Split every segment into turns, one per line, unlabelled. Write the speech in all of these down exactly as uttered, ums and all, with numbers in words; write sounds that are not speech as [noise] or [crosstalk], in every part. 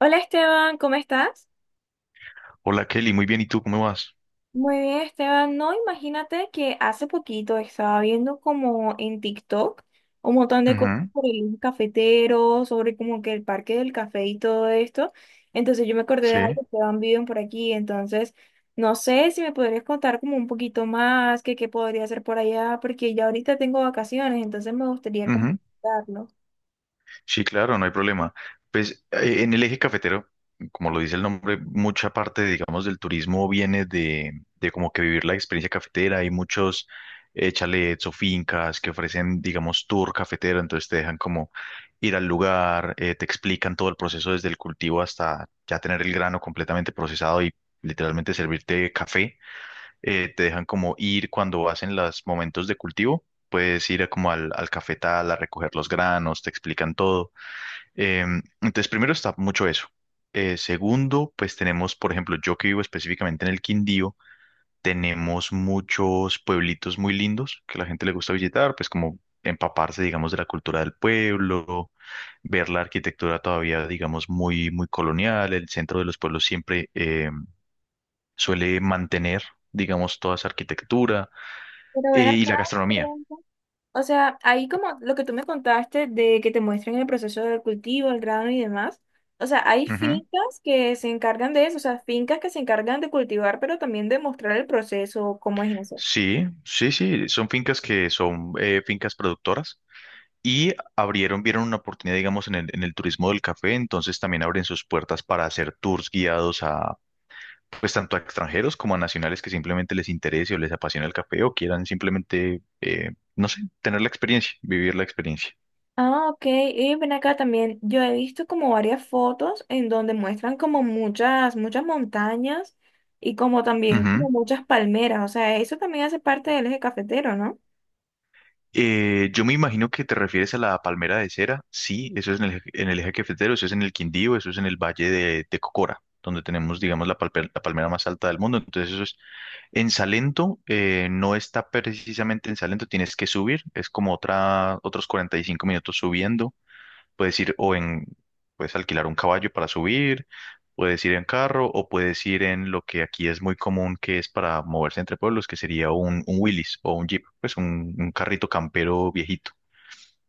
Hola Esteban, ¿cómo estás?
Hola Kelly, muy bien, ¿y tú cómo vas?
Muy bien, Esteban. No, imagínate que hace poquito estaba viendo como en TikTok un montón de cosas
Ujú.
sobre el cafetero, sobre como que el parque del café y todo esto. Entonces yo me acordé de
Sí.
algo que van viven por aquí. Entonces, no sé si me podrías contar como un poquito más, que qué podría hacer por allá, porque ya ahorita tengo vacaciones, entonces me gustaría como
Ujú.
contarlo.
Sí, claro, no hay problema. Pues eh, en el eje cafetero, como lo dice el nombre, mucha parte, digamos, del turismo viene de, de como que vivir la experiencia cafetera. Hay muchos eh, chalets o fincas que ofrecen, digamos, tour cafetero, entonces te dejan como ir al lugar, eh, te explican todo el proceso desde el cultivo hasta ya tener el grano completamente procesado y literalmente servirte café. eh, te dejan como ir cuando hacen los momentos de cultivo, puedes ir a como al, al cafetal a recoger los granos, te explican todo. Em, entonces, primero está mucho eso. Eh, segundo, pues tenemos, por ejemplo, yo que vivo específicamente en el Quindío, tenemos muchos pueblitos muy lindos que a la gente le gusta visitar, pues como empaparse, digamos, de la cultura del pueblo, ver la arquitectura todavía, digamos, muy, muy colonial. El centro de los pueblos siempre em, suele mantener, digamos, toda esa arquitectura
Pero
eh,
ven acá.
y la gastronomía.
O sea, ahí como lo que tú me contaste de que te muestran el proceso del cultivo, el grano y demás. O sea, hay
Ujú.
fincas que se encargan de eso, o sea, fincas que se encargan de cultivar, pero también de mostrar el proceso, cómo es eso.
Sí, sí, sí, son fincas que son eh, fincas productoras y abrieron, vieron una oportunidad, digamos, en el, en el turismo del café, entonces también abren sus puertas para hacer tours guiados a, pues, tanto a extranjeros como a nacionales que simplemente les interese o les apasiona el café o quieran simplemente, eh, no sé, tener la experiencia, vivir la experiencia.
Ah, ok. Y ven acá también. Yo he visto como varias fotos en donde muestran como muchas, muchas montañas y como también como
Ujú.
muchas palmeras. O sea, eso también hace parte del eje cafetero, ¿no?
Eh, yo me imagino que te refieres a la palmera de cera. Sí, eso es en el, eje- en el eje cafetero, eso es en el Quindío, eso es en el Valle de, de Cocora, donde tenemos, digamos, la, palpe- la palmera más alta del mundo. Entonces, eso es en Salento, eh, no está precisamente en Salento, tienes que subir, es como otra, otros cuarenta y cinco minutos subiendo. Puedes ir o en, puedes alquilar un caballo para subir, puedes ir en carro o puedes ir en lo que aquí es muy común, que es para moverse entre pueblos, que sería un, un Willys o un Jeep, pues un, un carrito campero viejito.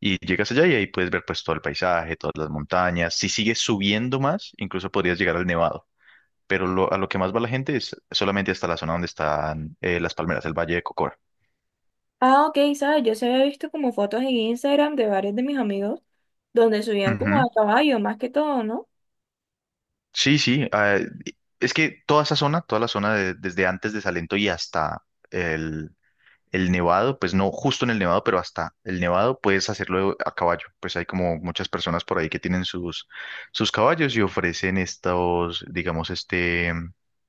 Y llegas allá y ahí puedes ver pues todo el paisaje, todas las montañas. Si sigues subiendo más, incluso podrías llegar al Nevado. Pero lo- a lo que más va la gente es solamente hasta la zona donde están eh, las palmeras, el Valle de Cocora.
Ah, ok, sabes, yo se había visto como fotos en Instagram de varios de mis amigos donde subían como
Ujú.
a caballo, más que todo, ¿no?
Sí, sí. Ah, es que toda esa zona, toda la zona de- desde antes de Salento y hasta el, el nevado, pues no justo en el nevado, pero hasta el nevado puedes hacerlo a caballo. Pues hay como muchas personas por ahí que tienen sus, sus caballos y ofrecen estos, digamos, este,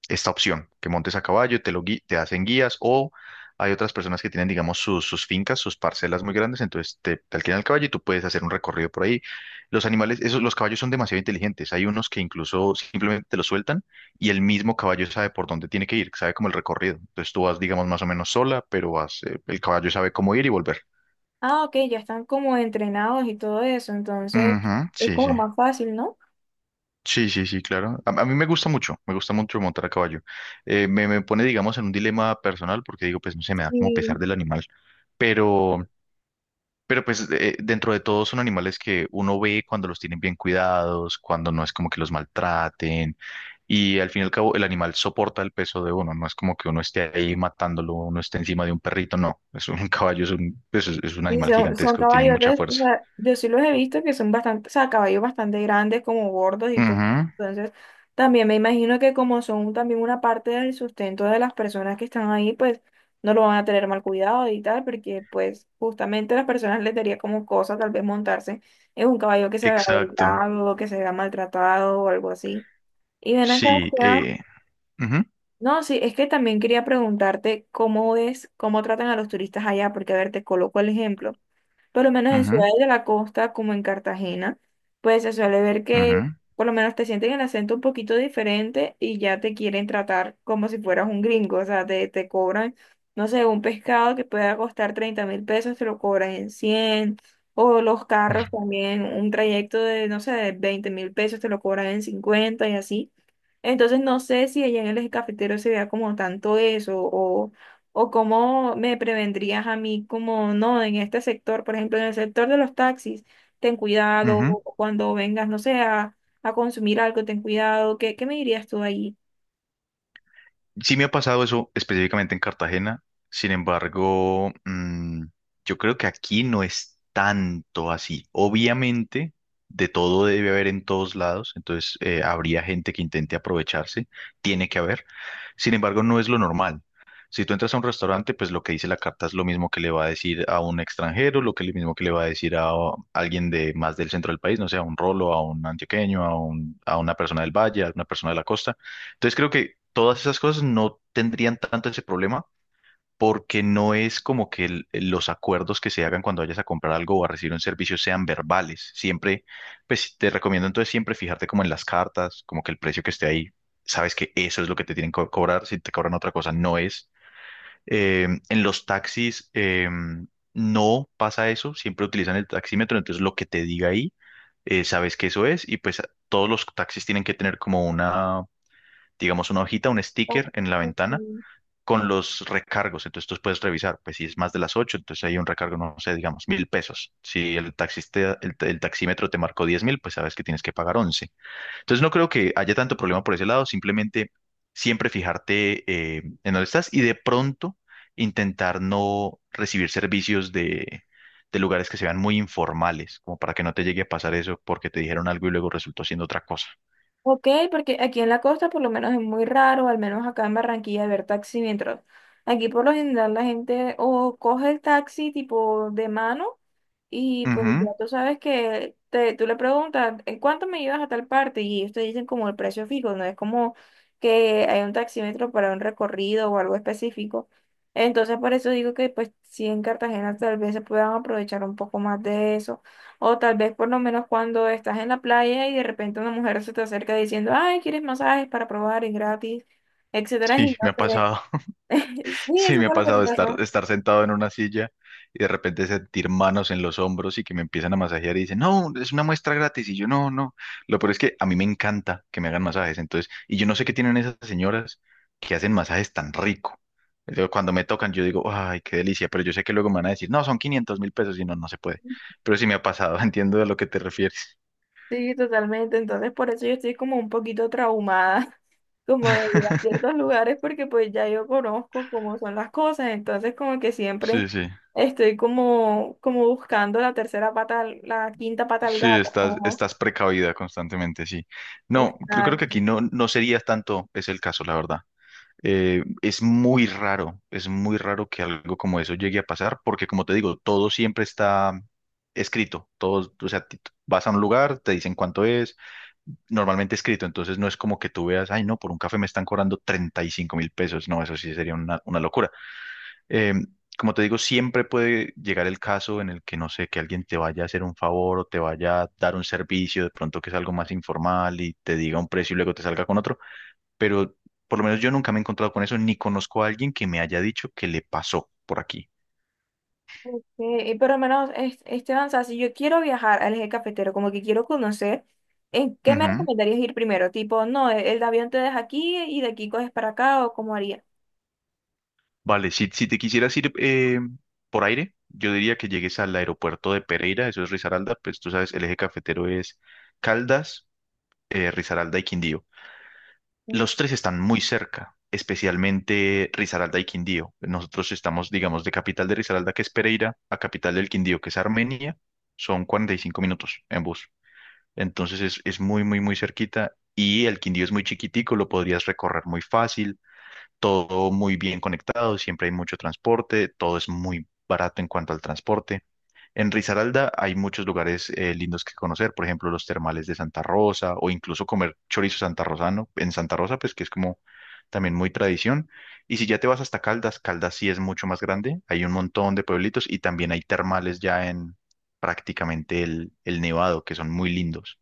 esta opción, que montes a caballo, te lo gui- te hacen guías o hay otras personas que tienen, digamos, sus, sus fincas, sus parcelas muy grandes, entonces te, te alquilan el caballo y tú puedes hacer un recorrido por ahí. Los animales, esos, los caballos son demasiado inteligentes. Hay unos que incluso simplemente te los sueltan y el mismo caballo sabe por dónde tiene que ir, sabe como el recorrido. Entonces tú vas, digamos, más o menos sola, pero vas, eh, el caballo sabe cómo ir y volver.
Ah, ok, ya están como entrenados y todo eso, entonces
Ujú,
es
sí,
como
sí.
más fácil, ¿no?
Sí, sí, sí, claro. A, a mí me gusta mucho, me gusta mucho montar a caballo. Eh, me, me pone, digamos, en un dilema personal porque digo, pues no sé, me da como pesar
Sí.
del animal. Pero, Pero pues eh, dentro de todo son animales que uno ve cuando los tienen bien cuidados, cuando no es como que los maltraten y al fin y al cabo el animal soporta el peso de uno, no es como que uno esté ahí matándolo, uno esté encima de un perrito, no, es un [laughs] caballo, es un, pues, es, es un
Sí,
animal
son, son
gigantesco, tiene
caballos
mucha
de, o
fuerza.
sea, yo sí los he visto que son bastante, o sea, caballos bastante grandes, como gordos y todo.
Ujú.
Entonces, también me imagino que como son también una parte del sustento de las personas que están ahí, pues no lo van a tener mal cuidado y tal, porque pues justamente a las personas les daría como cosa tal vez montarse en un caballo que se vea
Exacto.
delgado, que se vea maltratado o algo así. Y ven acá,
Sí.
Esteban,
Eh, ujú,
no, sí, es que también quería preguntarte cómo es, cómo tratan a los turistas allá, porque a ver, te coloco el ejemplo. Por lo menos en
ujú,
ciudades de la costa, como en Cartagena, pues se suele ver que
ujú,
por lo menos te sienten el acento un poquito diferente y ya te quieren tratar como si fueras un gringo. O sea, te, te cobran, no sé, un pescado que pueda costar treinta mil pesos, te lo cobran en cien. O los carros también, un trayecto de, no sé, de veinte mil pesos, te lo cobran en cincuenta y así. Entonces no sé si allá en el eje cafetero se vea como tanto eso o cómo me prevendrías a mí como, no, en este sector, por ejemplo, en el sector de los taxis, ten cuidado,
ujú.
o cuando vengas, no sé, a, a consumir algo, ten cuidado, ¿qué, qué me dirías tú ahí?
Sí, me ha pasado eso específicamente en Cartagena, sin embargo, mm, yo creo que aquí no es tanto así. Obviamente, de todo debe haber en todos lados, entonces eh, habría gente que intente aprovecharse, tiene que haber. Sin embargo, no es lo normal. Si tú entras a un restaurante, pues lo que dice la carta es lo mismo que le va a decir a un extranjero, lo que lo mismo que le va a decir a alguien de más del centro del país, no sé, a un rolo, a un antioqueño, a un- a una persona del valle, a una persona de la costa. Entonces creo que todas esas cosas no tendrían tanto ese problema porque no es como que el- los acuerdos que se hagan cuando vayas a comprar algo o a recibir un servicio sean verbales. Siempre, pues te recomiendo entonces siempre fijarte como en las cartas, como que el precio que esté ahí, sabes que eso es lo que te tienen que cobrar, si te cobran otra cosa no es. Eh, en los taxis eh, no pasa eso, siempre utilizan el taxímetro, entonces lo que te diga ahí, eh, sabes que eso es y pues todos los taxis tienen que tener como una digamos, una hojita, un
Ah,
sticker en la ventana
ok,
con los recargos. Entonces tú puedes revisar, pues si es más de las ocho entonces hay un recargo, no sé, digamos, mil pesos. Si el taxista, el, el taxímetro te marcó diez mil, pues sabes que tienes que pagar once. Entonces no creo que haya tanto problema por ese lado, simplemente siempre fijarte eh, en dónde estás y de pronto intentar no recibir servicios de... de lugares que se vean muy informales, como para que no te llegue a pasar eso porque te dijeron algo y luego resultó siendo otra cosa.
ok, porque aquí en la costa por lo menos es muy raro, al menos acá en Barranquilla, ver taxi mientras. Aquí por lo general la gente o coge el taxi tipo de mano. Y pues ya
Ujú.
tú sabes que te, tú le preguntas, ¿en cuánto me llevas a tal parte? Y ellos te dicen como el precio fijo, no es como que hay un taxímetro para un recorrido o algo específico. Entonces por eso digo que pues sí en Cartagena tal vez se puedan aprovechar un poco más de eso. O tal vez por lo menos cuando estás en la playa y de repente una mujer se te acerca diciendo, ay, ¿quieres masajes para probar? Es gratis, etcétera. Y
Sí,
no
me ha
sé.
pasado.
[laughs] Sí,
Sí,
eso
me ha
fue lo que te
pasado estar,
pasó.
estar sentado en una silla y de repente sentir manos en los hombros y que me empiezan a masajear y dicen, no, es una muestra gratis. Y yo, no, no. Lo peor es que a mí me encanta que me hagan masajes. Entonces, y yo no sé qué tienen esas señoras que hacen masajes tan rico. Yo, Cuando me tocan, yo digo, ay, qué delicia. Pero yo sé que luego me van a decir, no, son quinientos mil pesos y no, no se puede. Pero sí me ha pasado, [laughs] entiendo de lo que te refieres.
Sí, totalmente. Entonces, por eso yo estoy como un poquito traumada, [laughs] como de ir a
[laughs]
ciertos lugares, porque pues ya yo conozco cómo son las cosas. Entonces, como que siempre
Sí, sí.
estoy como, como buscando la tercera pata, al- la quinta pata al
Sí,
gato.
estás,
Ojo.
estás precavida constantemente, sí. No, creo, creo que aquí
Exacto.
no, no sería tanto es el caso, la verdad. Eh, es muy raro, es muy raro que algo como eso llegue a pasar, porque como te digo, todo siempre está escrito. Todo, o sea, ti- vas a un lugar, te dicen cuánto es, normalmente escrito, entonces no es como que tú veas, ay, no, por un café me están cobrando treinta y cinco mil pesos. No, eso sí sería una, una locura. Eh, Como te digo, siempre puede llegar el caso en el que, no sé, que alguien te vaya a hacer un favor o te vaya a dar un servicio, de pronto que es algo más informal y te diga un precio y luego te salga con otro, pero por lo menos yo nunca me he encontrado con eso, ni conozco a alguien que me haya dicho que le pasó por aquí.
Ok, y por lo menos, es- Esteban, o sea, si yo quiero viajar al eje cafetero, como que quiero conocer, ¿en qué me
Ujú.
recomendarías ir primero? Tipo, no, el el avión te deja aquí y de aquí coges para acá, o cómo haría.
Vale, si, si te quisieras ir eh, por aire, yo diría que llegues al aeropuerto de Pereira, eso es Risaralda, pues tú sabes, el eje cafetero es Caldas, eh, Risaralda y Quindío. Los tres están muy cerca, especialmente Risaralda y Quindío. Nosotros estamos, digamos, de capital de Risaralda, que es Pereira, a capital del Quindío, que es Armenia, son cuarenta y cinco minutos en bus. Entonces es, es muy, muy, muy cerquita y el Quindío es muy chiquitico, lo podrías recorrer muy fácil, todo muy bien conectado, siempre hay mucho transporte, todo es muy barato en cuanto al transporte. En Risaralda hay muchos lugares eh, lindos que conocer, por ejemplo, los termales de Santa Rosa o incluso comer chorizo santarrosano en Santa Rosa, pues que es como también muy tradición. Y si ya te vas hasta Caldas, Caldas sí es mucho más grande, hay un montón de pueblitos y también hay termales ya en prácticamente el, el Nevado, que son muy lindos.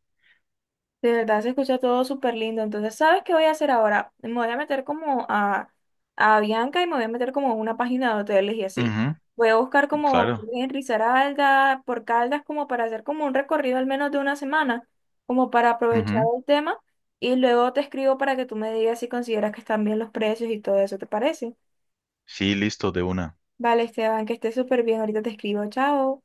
De verdad se escucha todo súper lindo. Entonces, ¿sabes qué voy a hacer ahora? Me voy a meter como a, a Bianca y me voy a meter como a una página de hoteles y así.
Ujú,
Voy a buscar como
claro.
en Risaralda, por Caldas, como para hacer como un recorrido al menos de una semana, como para aprovechar
Ujú.
el tema. Y luego te escribo para que tú me digas si consideras que están bien los precios y todo eso, ¿te parece?
Sí, listo, de una.
Vale, Esteban, que estés súper bien. Ahorita te escribo. Chao.